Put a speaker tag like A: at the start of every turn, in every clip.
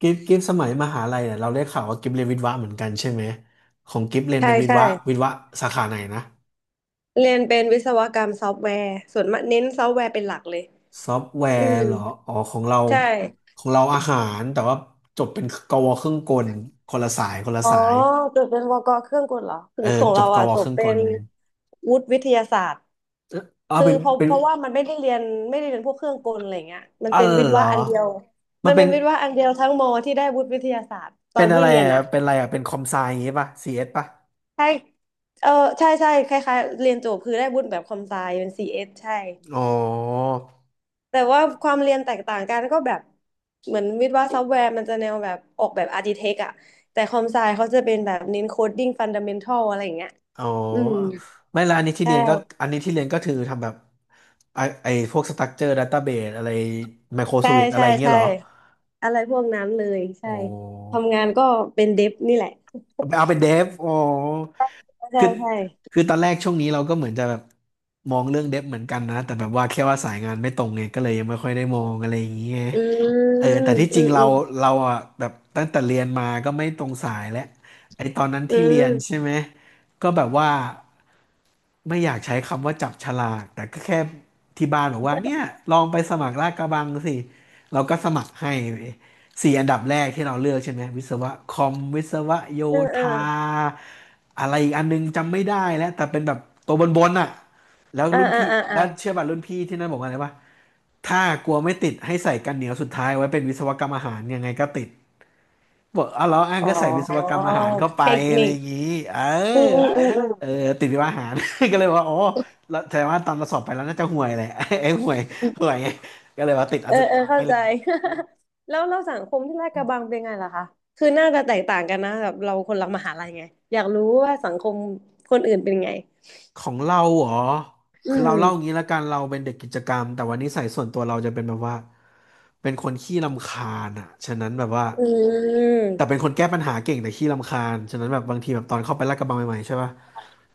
A: กิฟสมัยมหาลัยเนี่ยเราได้ข่าวว่ากิฟเรียนวิทย์วะเหมือนกันใช่ไหมของกิฟเรียน
B: ใช่
A: เป็นวิทย์
B: ใช่
A: วะวิทย์วะสาขาไหนนะ
B: เรียนเป็นวิศวกรรมซอฟต์แวร์ส่วนมากเน้นซอฟต์แวร์เป็นหลักเลย
A: ซอฟต์แว
B: อื
A: ร์
B: ม
A: เหรออ๋อของเรา
B: ใช่
A: ของเราอาหารแต่ว่าจบเป็นกวเครื่องกลคนละสายคนละ
B: อ๋อ
A: สาย
B: จบเป็นวกเครื่องกลเหรอถึ
A: เออ
B: งของ
A: จ
B: เรา
A: บก
B: อ่ะ
A: ว
B: จ
A: เค
B: บ
A: รื่องก
B: เป็น
A: ล
B: วุฒิวิทยาศาสตร์
A: เอออ๋อ
B: คือ
A: เป็น
B: เพราะ
A: เป็
B: เพ
A: น
B: ราะว่ามันไม่ได้เรียนพวกเครื่องกลอะไรเงี้ยมัน
A: อ๋อ
B: เป็นวิท
A: เห
B: ย์
A: รอ
B: วะอันเดียว
A: มั
B: มั
A: น
B: น
A: เป็
B: เป็
A: น
B: นวิทย์วะอันเดียวทั้งมอที่ได้วุฒิวิทยาศาสตร์ตอ
A: เป็
B: น
A: นอะ
B: ที่
A: ไร
B: เรียน
A: อ่ะ
B: นะ
A: เป็นอะไรอ่ะเป็นคอมไซอย่างงี้ป่ะซีเอสป่ะ
B: ใช่เออใช่ใช่คล้ายๆเรียนจบคือได้วุฒิแบบคอมไซเป็นซีเอสใช่
A: อ๋อ
B: แต่ว่าความเรียนแตกต่างกันก็แบบเหมือนวิศวะซอฟต์แวร์มันจะแนวแบบออกแบบอาร์ติเทคอะแต่คอมไซเขาจะเป็นแบบเน้นโคดดิ้งฟันดั เมนทัลอะไรอย่างเงี้ย
A: อ๋อ
B: อืม
A: ไม่ละอันนี้ที่
B: ใช
A: เรียนก็
B: ่
A: อันนี้ที่เรียนก็คือทำแบบไอพวกสตั๊กเจอร์ดัตต้าเบสอะไรไมโครส
B: ใช่
A: วิตอะไร
B: ใช่
A: อย่างเงี้ย
B: ใช่
A: เหรอ
B: อะไรพวกนั้นเลยใช่
A: โอ้
B: ทำงานก็เป็นเดฟนี่แหละ
A: เอาเป็นเดฟโอ้
B: ใช่
A: คือ
B: ใช่
A: คือตอนแรกช่วงนี้เราก็เหมือนจะแบบมองเรื่องเดฟเหมือนกันนะแต่แบบว่าแค่ว่าสายงานไม่ตรงไงก็เลยยังไม่ค่อยได้มองอะไรอย่างเงี้ย
B: อื
A: เออ
B: ม
A: แต่ที่จ
B: อื
A: ริง
B: มอื
A: เรา
B: ม
A: เราอ่ะแบบตั้งแต่เรียนมาก็ไม่ตรงสายแล้วไอตอนนั้น
B: อื
A: ที่เรียนใช่
B: ม
A: ไหมก็แบบว่า ไม่อยากใช้คำว่าจับฉลากแต่ก็แค่ที่บ้านบอกว่าเนี่ยลองไปสมัครลาดกระบังสิเราก็สมัครให้เว้ยสี่อันดับแรกที่เราเลือกใช่ไหมวิศวะคอมวิศวะโย
B: เออเออ
A: ธาอะไรอีกอันนึงจำไม่ได้แล้วแต่เป็นแบบตัวบนบนอ่ะแล้ว
B: อ่า
A: รุ่น
B: อ่า
A: พี่
B: อ่า
A: แล้
B: อ่า
A: วเชื่อป่ะรุ่นพี่ที่นั่นบอกว่าอะไรวะถ้ากลัวไม่ติดให้ใส่กันเหนียวสุดท้ายไว้เป็นวิศวกรรมอาหารยังไงก็ติด บอกเอาเหรออ้าง
B: อ๋อ
A: ก็ใส่วิศวกรรมอาหารเข้าไป
B: เทค
A: อะไร
B: นิค
A: อย่างนี้เอ
B: อืมอื
A: อ
B: มอืมอื
A: เออติดวิศวอาหาร ก็เลยว่าอ๋อแล้วแต่ว่าตอนเราสอบไปแล้วน่าจะห่วยแหละ ไอ้ห่วย
B: ม
A: ห่วยก็เลยว่าติดอั
B: เอ
A: น
B: อ
A: สุด
B: เออ
A: ท้าย
B: เข้า
A: เล
B: ใจ
A: ย
B: แล้วเราสังคมที่ลาดกระบังเป็นไงล่ะคะคือน่าจะแตกต่างกันนะแบบเราคนละมหาลัยไงอยากรู้ว่าสังคมคนอื่นเป็นไง
A: ของเราเหรอ
B: อื
A: คือเรา
B: ม
A: เล่างี้ละกันเราเป็นเด็กกิจกรรมแต่วันนี้ใส่ส่วนตัวเราจะเป็นแบบว่าเป็นคนขี้รำคาญอ่ะฉะนั้นแบบว่า
B: อืม
A: แต่เป็นคนแก้ปัญหาเก่งแต่ขี้รำคาญฉะนั้นแบบบางทีแบบตอนเข้าไปลาดกระบังใหม่ๆใช่ปะ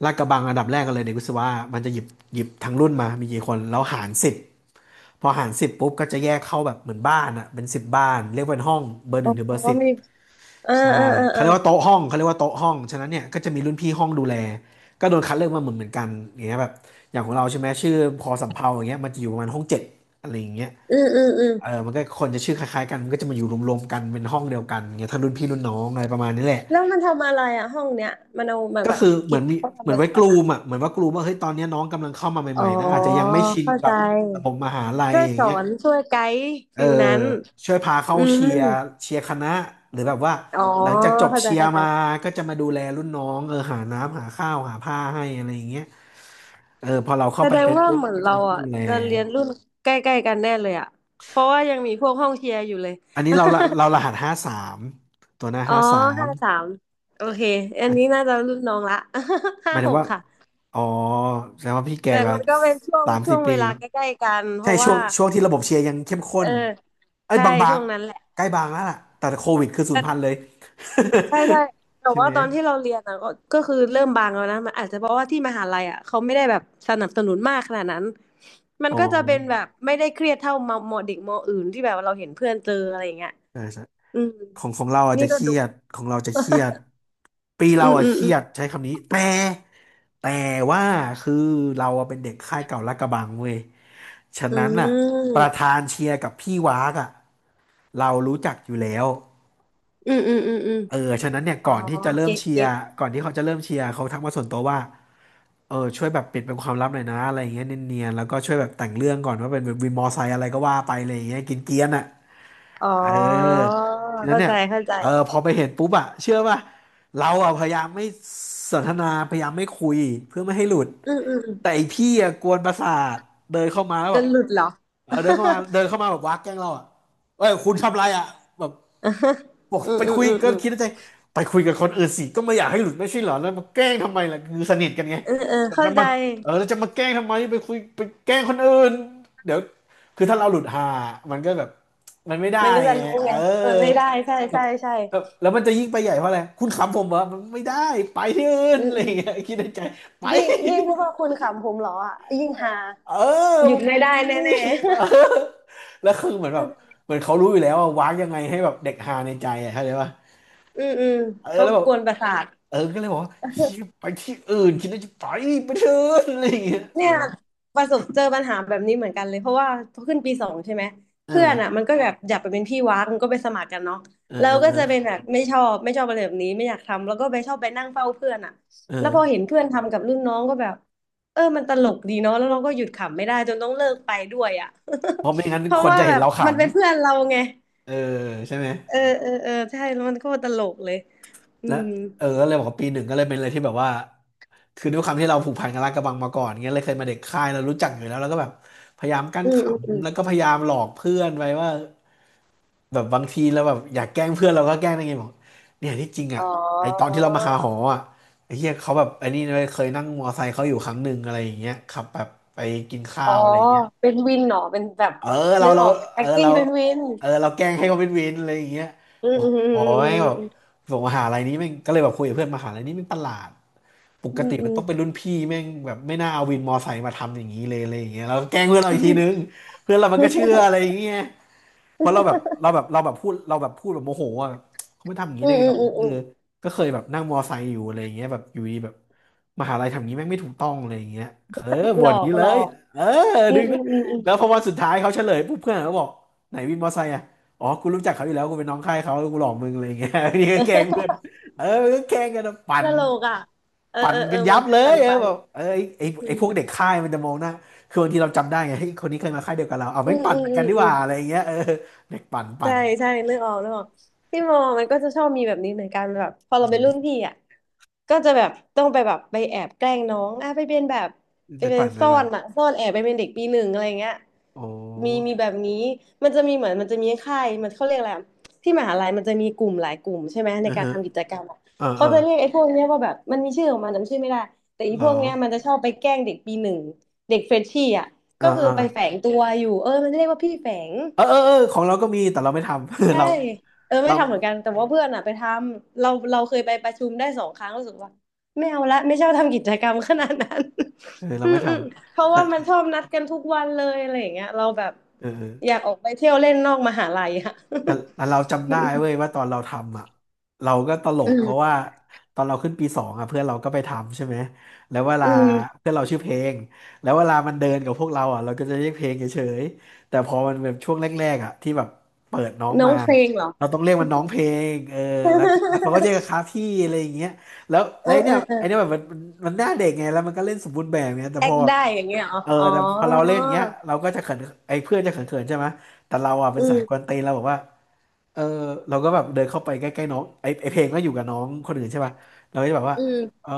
A: ลาดกระบังอันดับแรกกันเลยเด็กวิศวะมันจะหยิบหยิบทั้งรุ่นมามีกี่คนแล้วหารสิบ พอหารสิบปุ๊บก็จะแยกเข้าแบบเหมือนบ้านอะเป็นสิบบ้านเรียกว่าเป็นห้องเบอร์ห
B: อ๋อ
A: นึ่งถึงเบอร์สิบ
B: มีอ่า
A: ใช่
B: อ่าอ่า
A: เขา
B: อ่า
A: เรียกว่าโต๊ะห้องเขาเรียกว่าโต๊ะห้องฉะนั้นเนี่ยก็จะมีรุ่นพี่ห้องดูแลก็โดนคัดเลือกมาเหมือนเหมือนกันอย่างเงี้ยแบบอย่างของเราใช่ไหมชื่อพอสำเภาอย่างเงี้ยมันจะอยู่ประมาณห้องเจ็ดอะไรอย่างเงี้ย
B: อืมอืมอืม
A: เออมันก็คนจะชื่อคล้ายๆกันมันก็จะมาอยู่รวมๆกันเป็นห้องเดียวกันอย่างเงี้ยทั้งรุ่นพี่รุ่นน้องอะไรประมาณนี้แหละ
B: แล้วมันทำอะไรอะห้องเนี้ยมันเอามา
A: ก็
B: แบบ
A: คือเห
B: กิ
A: มือ
B: จ
A: นมี
B: เขา
A: เห
B: ทำ
A: มือ
B: อะ
A: น
B: ไร
A: ไว้ก
B: กัน
A: ลู
B: อะ
A: มอ่ะเหมือนว่ากลูมว่าเฮ้ยตอนเนี้ยน้องกำลังเข้ามาให
B: อ๋อ
A: ม่ๆนะอาจจะยังไม่ชิน
B: เข้า
A: กั
B: ใจ
A: บระบบมหาลัย
B: ช่วย
A: อย่า
B: ส
A: ง
B: อ
A: เงี้ย
B: น ช่วยไกด์
A: เออ
B: ฟิลนั้น
A: ช่วยพาเข้า
B: อื
A: เชีย
B: ม
A: ร์เชียร์คณะหรือแบบว่า
B: อ๋อ
A: หลังจากจบ
B: เข้าใจ
A: เชียร์
B: เข้าใจ
A: มาก็จะมาดูแลรุ่นน้องเออหาน้ำหาข้าวหาผ้าให้อะไรอย่างเงี้ยเออพอเราเข้า
B: แส
A: ไป
B: ดง
A: เป็น
B: ว่า
A: ปุ๊บ
B: เหมือน
A: ก็จะ
B: เรา
A: มีพี่
B: อ่ะ
A: ดูแล
B: จะเรียนรุ่นใกล้ๆกันแน่เลยอ่ะเพราะว่ายังมีพวกห้องเชียร์อยู่เลย
A: อันนี้เราละเรารหัสห้าสามตัวหน้า
B: อ๋อ
A: ห้าสาม
B: ห้าสามโอเค อันนี้น่าจะรุ่นน้องละ
A: ห
B: ห้า
A: มายถึ
B: ห
A: ง
B: ก
A: ว่า
B: ค่ะ
A: อ๋อแสดงว่าพี่แก่
B: แต่
A: กว่า
B: มันก็เป็นช่วง
A: สาม
B: ช่
A: สี่
B: วง
A: ปี
B: เวลาใกล้ๆกันเพ
A: ใช่
B: ราะ
A: ช่ว
B: ว่า
A: งช่วงที่ระบบเชียร์ยังเข้มข้
B: เออ
A: นเอ้ย
B: ใช่
A: บา
B: ช่
A: ง
B: วงนั้นแหละ
A: ๆใกล้บางแล้วล่ะแต่โควิดคือศูน
B: แต่
A: ย์พันเลย
B: ใช่ใช่แต่
A: ใช่ไห
B: ว่า
A: ม
B: ตอนที่เราเรียนอ่ะก็คือเริ่มบางแล้วนะมันอาจจะเพราะว่าที่มหาลัยอ่ะเขาไม่ได้แบบสนับสนุนมากขนาดนั้น มัน
A: อ๋อ
B: ก็จะเป็นแบบไม่ได้เครียดเท่ามมเด็กมอื่นที่แบบเราเห็นเพื่อนเจออะไรอย่างเงี้ย
A: ใช่ใช่
B: อืม
A: ของเราอาจ
B: นี่
A: จะ
B: ก็
A: เครี
B: ดู
A: ยดของเราจะเครียด ปีเรา
B: อืม
A: อะ
B: อืม
A: เค
B: อื
A: รี
B: ม
A: ยดใช้คำนี้แต่แต่ว่าคือเราอะเป็นเด็กค่ายเก่าลาดกระบังเว้ยฉะ
B: อื
A: นั้นอะ
B: ม
A: ประธานเชียร์กับพี่วากอะเรารู้จักอยู่แล้ว
B: อืมอืมอืมอืม
A: เออฉะนั้นเนี่ย
B: อ๋อ
A: ก่อนที่จะเริ่ม
B: เก็ต
A: เชีย
B: เก็
A: ร์
B: ต
A: ก่อนที่เขาจะเริ่มเชียร์เขาทักมาส่วนตัวว่าเออช่วยแบบปิดเป็นความลับหน่อยนะอะไรอย่างเงี้ยเนียนๆแล้วก็ช่วยแบบแต่งเรื่องก่อนว่าเป็นวินมอไซค์อะไรก็ว่าไปอะไรอย่างเงี้ยกินเกรียนๆอะ
B: อ๋อ
A: เออทีนั้น
B: เข้า
A: เนี่
B: ใจ
A: ย
B: เข้าใจ
A: เออพอไปเห็นปุ๊บอะเชื่อป่ะเราอะพยายามไม่สนทนาพยายามไม่คุยเพื่อไม่ให้หลุด
B: อืมอืมอืม
A: แต่ไอพี่อะกวนประสาทเดินเข้ามาแล้ว
B: จ
A: แบบ
B: นหลุดเหรอ
A: เออเดินเข้ามาเดิน เข้ามาแบบวักแกล้งเราอะเอ้ยคุณทำอะไรอ่ะแบบ บอก
B: อืม
A: ไป
B: อืม
A: คุย
B: อืม
A: ก็
B: อืม
A: คิดในใจไปคุยกับคนอื่นสิก็ไม่อยากให้หลุดไม่ใช่เหรอแล้วมาแกล้งทำไมล่ะคือสนิทกันไง
B: เออเออ
A: แล้ว
B: เข้า
A: จะ
B: ใจ
A: มาเออแล้วจะมาแกล้งทำไมไปคุยไปแกล้งคนอื่นเดี๋ยวคือถ้าเราหลุดหามันก็แบบมันไม่ได้
B: มันก็จะ
A: ไง
B: รู้
A: เออ
B: ไงเออไม่ได้ใช่
A: แล้ว
B: ใช่ใช่
A: แล้วมันจะยิ่งไปใหญ่เพราะอะไรคุณขำผมเหรอมันไม่ได้ไปที่อื่น
B: อืม
A: อะไรอ
B: อื
A: ย่า
B: ม
A: งเงี้ยคิดในใจไป
B: ยิ่งยิ่งเพราะว่าคุณขำผมเหรออ่ะยิ่งหา
A: เอ
B: ห
A: อ
B: ยุดไม่ได้
A: อุ้ย
B: แน่
A: เอ
B: ๆ
A: อแล้วคือเหมือ นแบ
B: เข้า
A: บ
B: ใจ
A: เหมือนเขารู้อยู่แล้วว่าวางยังไงให้แบบเด็กฮาในใจอ่ะเข้าใจป่ะ
B: อืมอืม
A: เออ
B: เขา
A: แล้วแบบ
B: กวนประสาท
A: เออก็เลยบอกว่าเชี่ยไปที่อื่นคิดว่าจะไปไปเถอะอะไรอย่างเงี้ยเอ
B: เนี่
A: อ
B: ยประสบเจอปัญหาแบบนี้เหมือนกันเลยเพราะว่าพอขึ้นปีสองใช่ไหม
A: เออ
B: เพื่อนอ่ะมันก็แบบอยากไปเป็นพี่วักมันก็ไปสมัครกันเนาะ
A: เออ
B: เรา
A: เออ
B: ก็
A: เออ
B: จะเป็นแบบไม่ชอบอะไรแบบนี้ไม่อยากทำแล้วก็ไปชอบไปนั่งเฝ้าเพื่อนอ่ะแล้วพอ
A: เออ
B: เห็นเพื่อนทำกับรุ่นน้องก็แบบเออมันตลกดีเนาะแล้วเราก็หยุดขำไม่ได้จนต้องเลิกไปด้วยอ่ะ
A: เพราะไม่งั้น
B: เพ
A: ค
B: ราะ
A: น
B: ว่า
A: จะเห็
B: แบ
A: น
B: บ
A: เราขำ
B: มันเป็นเพื่อนเราไง
A: เออใช่ไหม
B: เออเออเออใช่แล้วมันก็ตลกเลยอื
A: และ
B: ม
A: เออก็เลยบอกว่าปีหนึ่งก็เลยเป็นอะไรที่แบบว่าคือด้วยความที่เราผูกพันกับลาดกระบังมาก่อนเงี้ยเลยเคยมาเด็กค่ายเรารู้จักอยู่แล้วแล้วก็แบบพยายามกั้น
B: อื
A: ข
B: มอืมอ
A: ำแล้ว
B: ม
A: ก็พยายามหลอกเพื่อนไปว่า แบบบางทีเราแบบอยากแกล้งเพื่อนเราก็แกล้งได้ไงบอกเนี่ยที่จริง
B: อ๋
A: อ่ะ
B: อ
A: ไอตอนที่เรามาหาหออ่ะไอเฮียเขาแบบไอนี่เลยเคยนั่งมอไซค์เขาอยู่ครั้งหนึ่งอะไรอย่างเงี้ยขับแบบไปกินข้า
B: อ๋อ
A: วอะไรอย่างเงี้ย
B: เป็นวินเหรอเป็นแบบ
A: เออเรา
B: นึก
A: เรา
B: ออกเป็น
A: เออเรา
B: acting เป็นวิน
A: เออเราแกล้งให้เขาเป็นวินอะไรอย่างเงี้ย
B: อื
A: บ
B: ม
A: อก
B: อืม
A: อ๋อแม่งแบ
B: อ
A: บบอกมหาลัยนี้แม่งก็เลยแบบคุยกับเพื่อนมหาลัยนี้แม่งประหลาดปก
B: ืม
A: ติ
B: อื
A: มัน
B: ม
A: ต้องเป็นรุ่นพี่แม่งแบบไม่น่าเอาวินมอไซค์มาทำอย่างนี้เลยอะไรอย่างเงี้ยเราก็แกล้งเพื่อนเราอีกทีนึงเพื่อนเรามันก็เชื่ออะไรอย่างเงี้ย เพราะเราแบบเราแบบเราแบบพูดเราแบบพูดแบบโมโหอ่ะเขาไม่ทำอย่างนี้ได้ไงวะ
B: อื
A: เออ
B: ม
A: ก็เคยแบบนั่งมอไซค์อยู่อะไรอย่างเงี้ยแบบอยู่ดีแบบมหาลัยทำอย่างนี้แม่งไม่ถูกต้องอะไรอย่างเงี้ยเออ
B: หล
A: บ่น
B: อ
A: อย่าง
B: ก
A: นี้
B: ห
A: เล
B: ลอ
A: ย
B: ก
A: เออ
B: อื
A: ดึ
B: ม
A: ง
B: อื
A: นะ
B: มอืมอืม
A: แล้วพอวันสุดท้ายเขาเฉลยปุ๊บเพื่อนเขาบอกไหนวินมอไซค์อ่ะอ๋อกูรู้จักเขาอยู่แล้วกูเป็นน้องค่ายเขากูหลอกมึงอะไรอย่างเงี้ย นี่ก็แกล้งเพื่อน เออก็แกล้งกันนะปั่
B: ต
A: น
B: ลกอ่ะเออ
A: ปั่
B: เอ
A: น
B: อเอ
A: กั
B: อ
A: นยั
B: มั
A: บ
B: นเป็
A: เล
B: นปั
A: ย
B: น
A: เออ
B: ปัน
A: แบบเออไอ้ไอ้
B: อื
A: ไอ้
B: ม
A: พวกเด็กค่ายมันจะมองหน้าคือบางทีเราจำได้ไงเฮ้ยคนนี้เคยมาค่ายเดียวกับเราเอา
B: อื
A: ไม่ง
B: ม
A: ปั่น
B: อื
A: เห
B: ม
A: มือน
B: อื
A: กันดีก
B: ม
A: ว่าอะไรอย่างเงี้ยเออเด็กปั่นปั่
B: ใช่
A: น
B: ใช่เลือกออกเลือกออกที่มอมันก็จะชอบมีแบบนี้เหมือนกันแบบพอเราเป็นรุ่น
A: เออ
B: พี่อ่ะก็จะแบบต้องไปแอบแกล้งน้องอ่ะไปเป็นแบบไป
A: ไป
B: เป็
A: ปั่
B: น
A: นไป
B: ซ่อ
A: ปั่น
B: นอ่ะซ่อนแอบไปเป็นเด็กปีหนึ่งอะไรเงี้ย
A: โอ้
B: มีมีแบบนี้มันจะมีค่ายมันเขาเรียกอะไรอะที่มหาลัยมันจะมีกลุ่มหลายกลุ่มใช่ไหมใน
A: เออ
B: การ
A: ฮะ
B: ทำกิจกรรมอะ
A: เออเอ
B: เขา
A: อ
B: จะเรียกไอ้พวกเนี้ยว่าแบบมันมีชื่อของมันจำชื่อไม่ได้แต่อี
A: เหร
B: พ
A: อ
B: วกเนี้ยมันจะชอบไปแกล้งเด็กปีหนึ่งเด็กเฟรชชี่อ่ะ
A: เออ
B: ก็คือ
A: เออ
B: ไปแฝงตัวอยู่เออมันเรียกว่าพี่แฝง
A: เออเออเออของเราก็มีแต่เราไม่ทำ
B: ใช่
A: เรา
B: เออไม่
A: เรา
B: ทำเหมือนกันแต่ว่าเพื่อนอ่ะไปทำเราเคยไปประชุมได้สองครั้งรู้สึกว่าไม่เอาละไม่ชอบทำกิจกรรมขนาดนั้น
A: เออ เรา
B: อื
A: ไม่
B: ม
A: ท
B: อืมเพ
A: ำ
B: ราะ
A: แต่
B: ว่ามันชอบนัดกันทุกวันเลยอะไรอย่างเงี้ยเราแบบ
A: เอ
B: อยา
A: อ
B: กออกไปเที่ยวเล่นนอกมหาลัยอะ
A: แต่เรา จำ
B: อื
A: ได้เว้ย
B: ม
A: ว่าตอนเราทำอ่ะเราก็ตล
B: อื
A: กเพราะ
B: ม
A: ว่าตอนเราขึ้นปีสองอ่ะเพื่อนเราก็ไปทำใช่ไหมแล้วเวลา
B: อืม
A: เพื่อนเราชื่อเพลงแล้วเวลามันเดินกับพวกเราอ่ะเราก็จะเรียกเพลงเฉยๆแต่พอมันแบบช่วงแรกๆอ่ะที่แบบเปิดน้อง
B: น้อ
A: มา
B: งเพลงเหรอ
A: เราต้องเรียกมันน้องเพลงเออแล้วเขาก็เรียกกันค รับพี่อะไรอย่างเงี้ยแล้ว
B: เอ
A: แล้
B: อ
A: วไอ้
B: เอ
A: เนี่ย
B: อเออ
A: ไอ้เนี่ยแบบมันหน้าเด็กไงแล้วมันก็เล่นสมบูรณ์แบบเนี่ยแต่
B: แอ
A: พอ
B: คได้อย่างเงี้ยเหรอ
A: เออ
B: อ๋อ
A: แต่พอเราเล่นอย่างเงี้ยเราก็จะเขินไอ้เพื่อนจะเขินๆใช่ไหมแต่เราอ่ะเป็
B: อื
A: นสายกว
B: ม
A: นตีนเราบอกว่า เออเราก็แบบเดินเข้าไปใกล้ๆน้องไอเพลงก็อยู่กับน้องคนอื่นใช่ป่ะเราก็จะแบบว่า
B: อื
A: เอ
B: ม
A: อ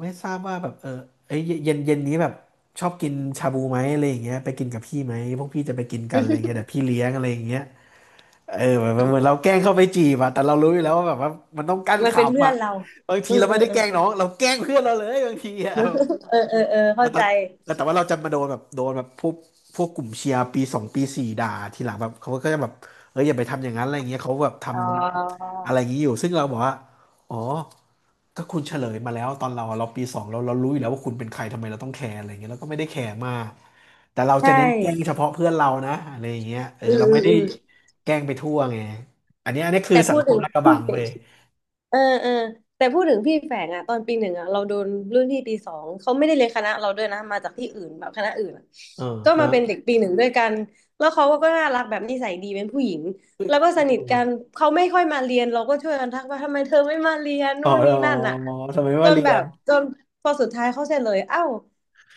A: ไม่ทราบว่าแบบเออไอยเย็นเย็นนี้แบบชอบกินชาบูไหมอะไรอย่างเงี้ยไปกินกับพี่ไหมพวกพี่จะไปกินกันอะไรเงี้ยเดี๋ยวพี่เลี้ยงอะไรอย่างเงี้ยเออแบบเหมือนเราแกล้งเข้าไปจีบอะแต่เรารู้อยู่แล้วว่าแบบว่ามันต้องกั้น
B: มันเป็นเพื่
A: ขำ
B: อ
A: อะ
B: นเรา
A: บางที
B: อืม
A: เรา
B: เออ
A: ไม่ได้
B: อ
A: แกล้งน้อง
B: ม
A: เราแกล้งเพื่อนเราเลยบางทีอะ
B: เออเออเออ
A: เอา
B: เข้า
A: แต่
B: ใจ
A: แต่ว่าเราจะมาโดนแบบโดนแบบพวกกลุ่มเชียร์ปีสองปีสี่ด่าทีหลังแบบเขาก็จะแบบเอออย่าไปทำอย่างนั้นอะไรเงี้ยเขาแบบท
B: อ๋อ
A: ำ อะไรอย่างนี้อยู่ซึ่งเราบอกว่าอ๋อก็คุณเฉลยมาแล้วตอนเราปีสองเรารู้อยู่แล้วว่าคุณเป็นใครทำไมเราต้องแคร์อะไรอย่างเงี้ยเราก็ไม่ได้แคร์มากแต่เรา
B: ใช
A: จะเน้นแกล้ง
B: ่
A: เฉพาะเพื่อนเรานะอะไรอย่างเงี้ยเออ
B: อืม
A: เรา
B: อื
A: ไม่
B: ม
A: ได้
B: อืม
A: แกล้งไปทั่วไงอันนี้คือ
B: แต่
A: สั
B: พู
A: ง
B: ด
A: ค
B: ถึ
A: ม
B: ง
A: ลาดกระบังเว้ย
B: เออเออแต่พูดถึงพี่แฝงอ่ะตอนปีหนึ่งอ่ะเราโดนรุ่นพี่ปีสองเขาไม่ได้เรียนคณะเราด้วยนะมาจากที่อื่นแบบคณะอื่นอะ
A: เออ
B: ก็
A: ฮะ
B: มาเป็นเด็กปีหนึ่งด้วยกันแล้วเขาก็น่ารักแบบนิสัยดีเป็นผู้หญิงแล้วก็
A: อ
B: สนิท
A: ม
B: กันเขาไม่ค่อยมาเรียนเราก็ช่วยกันทักว่าทำไมเธอไม่มาเรียน
A: อ๋อ
B: นู่นนี่นั่นอ่ะ
A: อ๋อทำไมไม่
B: จ
A: มา
B: น
A: เรี
B: แบ
A: ย
B: บ
A: น
B: จนพอสุดท้ายเขาเสร็จเลยเอ้า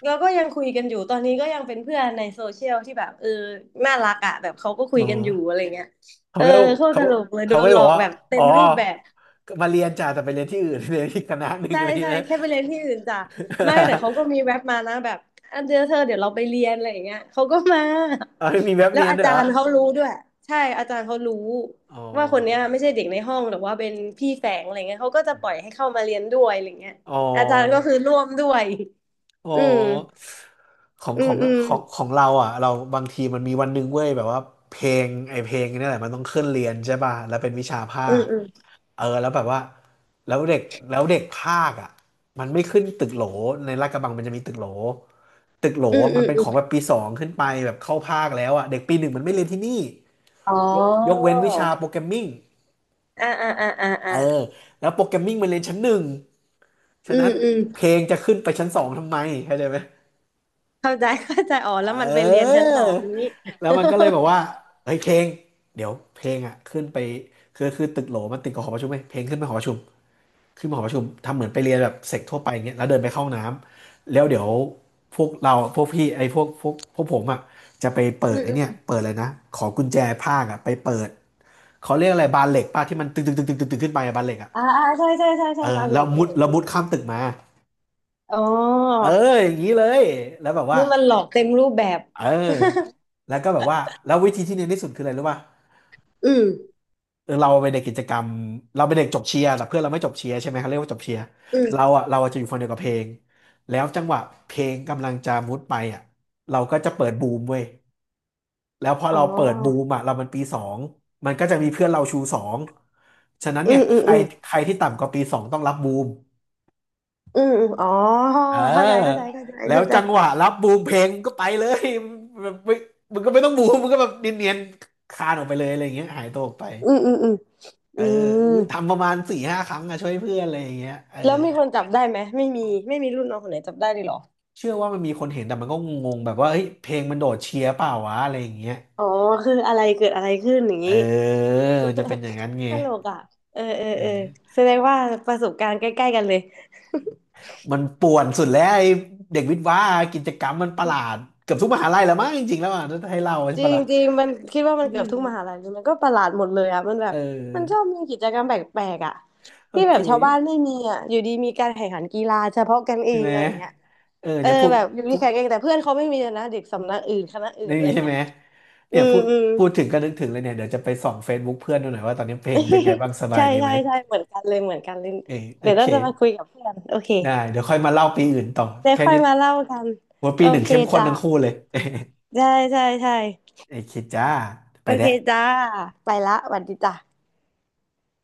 B: เราก็ยังคุยกันอยู่ตอนนี้ก็ยังเป็นเพื่อนในโซเชียลที่แบบเออน่ารักอ่ะแบบเขาก็คุ
A: อ๋
B: ย
A: อ
B: กันอยู่อะไรเงี้ย
A: เขา
B: เออ
A: ก็
B: โคตรต
A: เขา
B: ลกเลยโด
A: เขาก็
B: น
A: จะ
B: หล
A: บ
B: อ
A: อก
B: ก
A: ว่า
B: แบบเต็
A: อ๋อ
B: มรูปแบบ
A: มาเรียนจ้าแต่ไปเรียนที่อื่น เรียนที่คณะหนึ่ง
B: ใช่
A: อะไร
B: ใช่
A: เงี้ย
B: แค่ไปเรียนที่อื่นจ้ะไม่แต่เขาก็ มีแว็บมานะแบบอันเดียวเธอเดี๋ยวเราไปเรียนอะไรอย่างเงี้ยเขาก็มา
A: เอาไม่มีแบบ
B: แล้ว
A: เนียน
B: อา
A: ด้วย
B: จา
A: เหรอ
B: รย์เขารู้ด้วยใช่อาจารย์เขารู้
A: อ๋อ
B: ว่าคนเนี้ยไม่ใช่เด็กในห้องหรือว่าเป็นพี่แฝงอะไรเงี้ยเขาก็จะปล่อยให้เข้ามาเรียนด้วยอะไรเงี้ย
A: อ๋อ
B: อาจารย์ก็คือร่วมด้วย
A: อ๋อ
B: อืม
A: ของ
B: อื
A: ขอ
B: ม
A: ง
B: อืม
A: ของเราอ่ะเราบางทีมันมีวันหนึ่งเว้ยแบบว่าเพลงไอเพลงนี่แหละมันต้องขึ้นเรียนใช่ป่ะแล้วเป็นวิชาภา
B: อืม
A: ค
B: อืม
A: เออแล้วแบบว่าแล้วเด็กแล้วเด็กภาคอ่ะมันไม่ขึ้นตึกโหลในลาดกระบังมันจะมีตึกโหลตึกโหลอ
B: อืม
A: มั
B: อื
A: น
B: ม
A: เป็น
B: อื
A: ของแบ
B: ม
A: บปีสองขึ้นไปแบบเข้าภาคแล้วอ่ะเด็กปีหนึ่งมันไม่เรียนที่นี่
B: อ๋อ
A: ยกเว้นวิชาโปรแกรมมิ่ง
B: อ่าอ่าอ่าอ่า
A: เอ
B: อ่า
A: อแล้วโปรแกรมมิ่งมันเรียนชั้นหนึ่ง
B: อื
A: ฉะนั้
B: ม
A: น
B: อืม
A: เพลงจะขึ้นไปชั้นสองทำไมเข้าใจไหม
B: เข้าใจเข้าใจอ๋อแล้วมันไปเรียนชั้น
A: เออ
B: สองนี้
A: แล้วมันก็เลยบอกว่าเฮ้ยเพลงเดี๋ยวเพลงอ่ะขึ้นไปคือตึกโหลมันติดกับหอประชุมไหมเพลงขึ้นไปหอประชุมขึ้นมาหอประชุมทำเหมือนไปเรียนแบบเสกทั่วไปอย่างเงี้ยแล้วเดินไปเข้าห้องน้ำแล้วเดี๋ยวพวกเราพวกพี่ไอ้พวกผมอ่ะจะไป เปิ
B: อื
A: ดไอ้เนี่ย
B: ม
A: เปิดเลยนะขอกุญแจภาคอ่ะไปเปิดเขาเรียกอะไรบานเหล็กป้าที่มันตึงตึงตึงตึงตึงตึงขึ้นไปอะบานเหล็กอ่ะ
B: อ่าอ่าใช่ใช่ใช่ใช่
A: เออ
B: บาเหล็
A: แล้ว
B: กเอ
A: มุดแล้ว
B: อ
A: มุดข้ามตึกมา
B: อ๋อ
A: เอออย่างนี้เลยแล้วแบบว่า
B: นี่มันหลอกเต็มรูปแบบ
A: เออแล้วก็แบบว่าแล้ววิธีที่เนียนที่สุดคืออะไรรู้ป่ะ
B: อืม
A: เออเราเป็นเด็กกิจกรรมเราเปเด็กจบเชียร์แต่เพื่อนเราไม่จบเชียร์ใช่ไหมเขาเรียกว่าจบเชียร์
B: อืม
A: เราอะจะอยู่ฝั่งเดียวกับเพลงแล้วจังหวะเพลงกำลังจะมุดไปอะเราก็จะเปิดบูมเว้ยแล้วพอ
B: อ๋อ
A: เราเปิดบูมอะเรามันปีสองมันก็จะมีเพื่อนเราชูสองฉะนั้น
B: อื
A: เนี่ย
B: มอื
A: ใค
B: ม
A: ร
B: อืม
A: ใครที่ต่ำกว่าปีสองต้องรับบูม
B: อืมอืมอ๋อ
A: เอ
B: เข้าใจเข้า
A: อ
B: ใจเข้าใจ
A: แล้ว
B: เข้าใจ
A: จังหวะรับบูมเพลงก็ไปเลยแบบไม่มึงก็ไม่ต้องบูมมึงก็แบบเนียนๆคลานออกไปเลยอะไรอย่างเงี้ยหายตัวออกไป
B: อืมอืมอืม
A: เอ
B: อื
A: ออุ๊
B: ม
A: ยทำประมาณสี่ห้าครั้งอะช่วยเพื่อนอะไรอย่างเงี้ยเออ
B: แล้วมีคนจับได้ไหมไม่มีไม่มีรุ่นน้องคนไหนจับได้เลยเหรอ
A: เชื่อว่ามันมีคนเห็นแต่มันก็งงๆแบบว่าเฮ้ยเพลงมันโดดเชียร์เปล่าวะอะไรอย่างเงี้ย
B: อ๋อคืออะไรเกิดอะไรขึ้นอย่าง
A: เออ
B: นี้
A: มันจะเป็นอย่างนั้นไง
B: ตลกอ่ะเออเออ
A: เอ
B: เออ
A: อ
B: แสดงว่าประสบการณ์ใกล้ๆกันเลย
A: มันป่วนสุดแล้วไอ้เด็กวิทย์ว่ากิจกรรมมันประหลาดเกือบทุกมหาลัยแล้วมั้งจริงๆแล้วอ่ะถ้าให้เล่าใช่
B: จริ
A: ปะ
B: ง
A: ล่ะ
B: จริงมันคิดว่ามั
A: อื
B: นเกือบ
A: ม
B: ทุกมหาลัยเลยมันก็ประหลาดหมดเลยอ่ะมันแบ
A: เอ
B: บมันชอ
A: อ
B: บมีกิจกรรมแปลกๆอ่ะ
A: โอ
B: ที่แบ
A: เค
B: บชาวบ้านไม่มีอ่ะอยู่ดีมีการแข่งขันกีฬาเฉพาะกันเอ
A: ใช่
B: ง
A: ไหม
B: อะไรเงี้ย
A: เออ
B: เออ
A: เนี่ยพูด
B: แบบอยู่ดี
A: พูด
B: แข่งเองแต่เพื่อนเขาไม่มีเลยนะเด็กสำนักอื่นคณะอื่
A: ใน
B: นอะไร
A: นี้ใช่
B: เงี้
A: ไห
B: ย
A: ม
B: อื
A: เนี่ย
B: ม
A: พูด
B: อืม
A: พูดถึงก็นึกถึงเลยเนี่ยเดี๋ยวจะไปส่อง Facebook เพื่อนดูหน่อยว่าตอนนี้เพลงเป็นไงบ้างส บาย
B: ใช่
A: ดี
B: ใช่
A: ไหม
B: ใช่เหมือนกันเลยเหมือนกันเลย
A: เออโอ
B: เดี๋ยว
A: เค
B: ต้องจะมาคุยกับเพื่อนโอเค
A: ได้เดี๋ยวค่อยมาเล่าปีอื่นต่อ
B: เดี๋ยว
A: แค่
B: ค่อย
A: นี้
B: มาเล่ากัน
A: ว่าปี
B: โอ
A: หนึ่ง
B: เค
A: เข้มข้น
B: จ้ะ
A: ทั้งคู่เลย
B: ใช่ใช่ใช่
A: เออโอเคจ้าไป
B: โอเค
A: แล้ว
B: จ้าไปละสวัสดีจ้ะ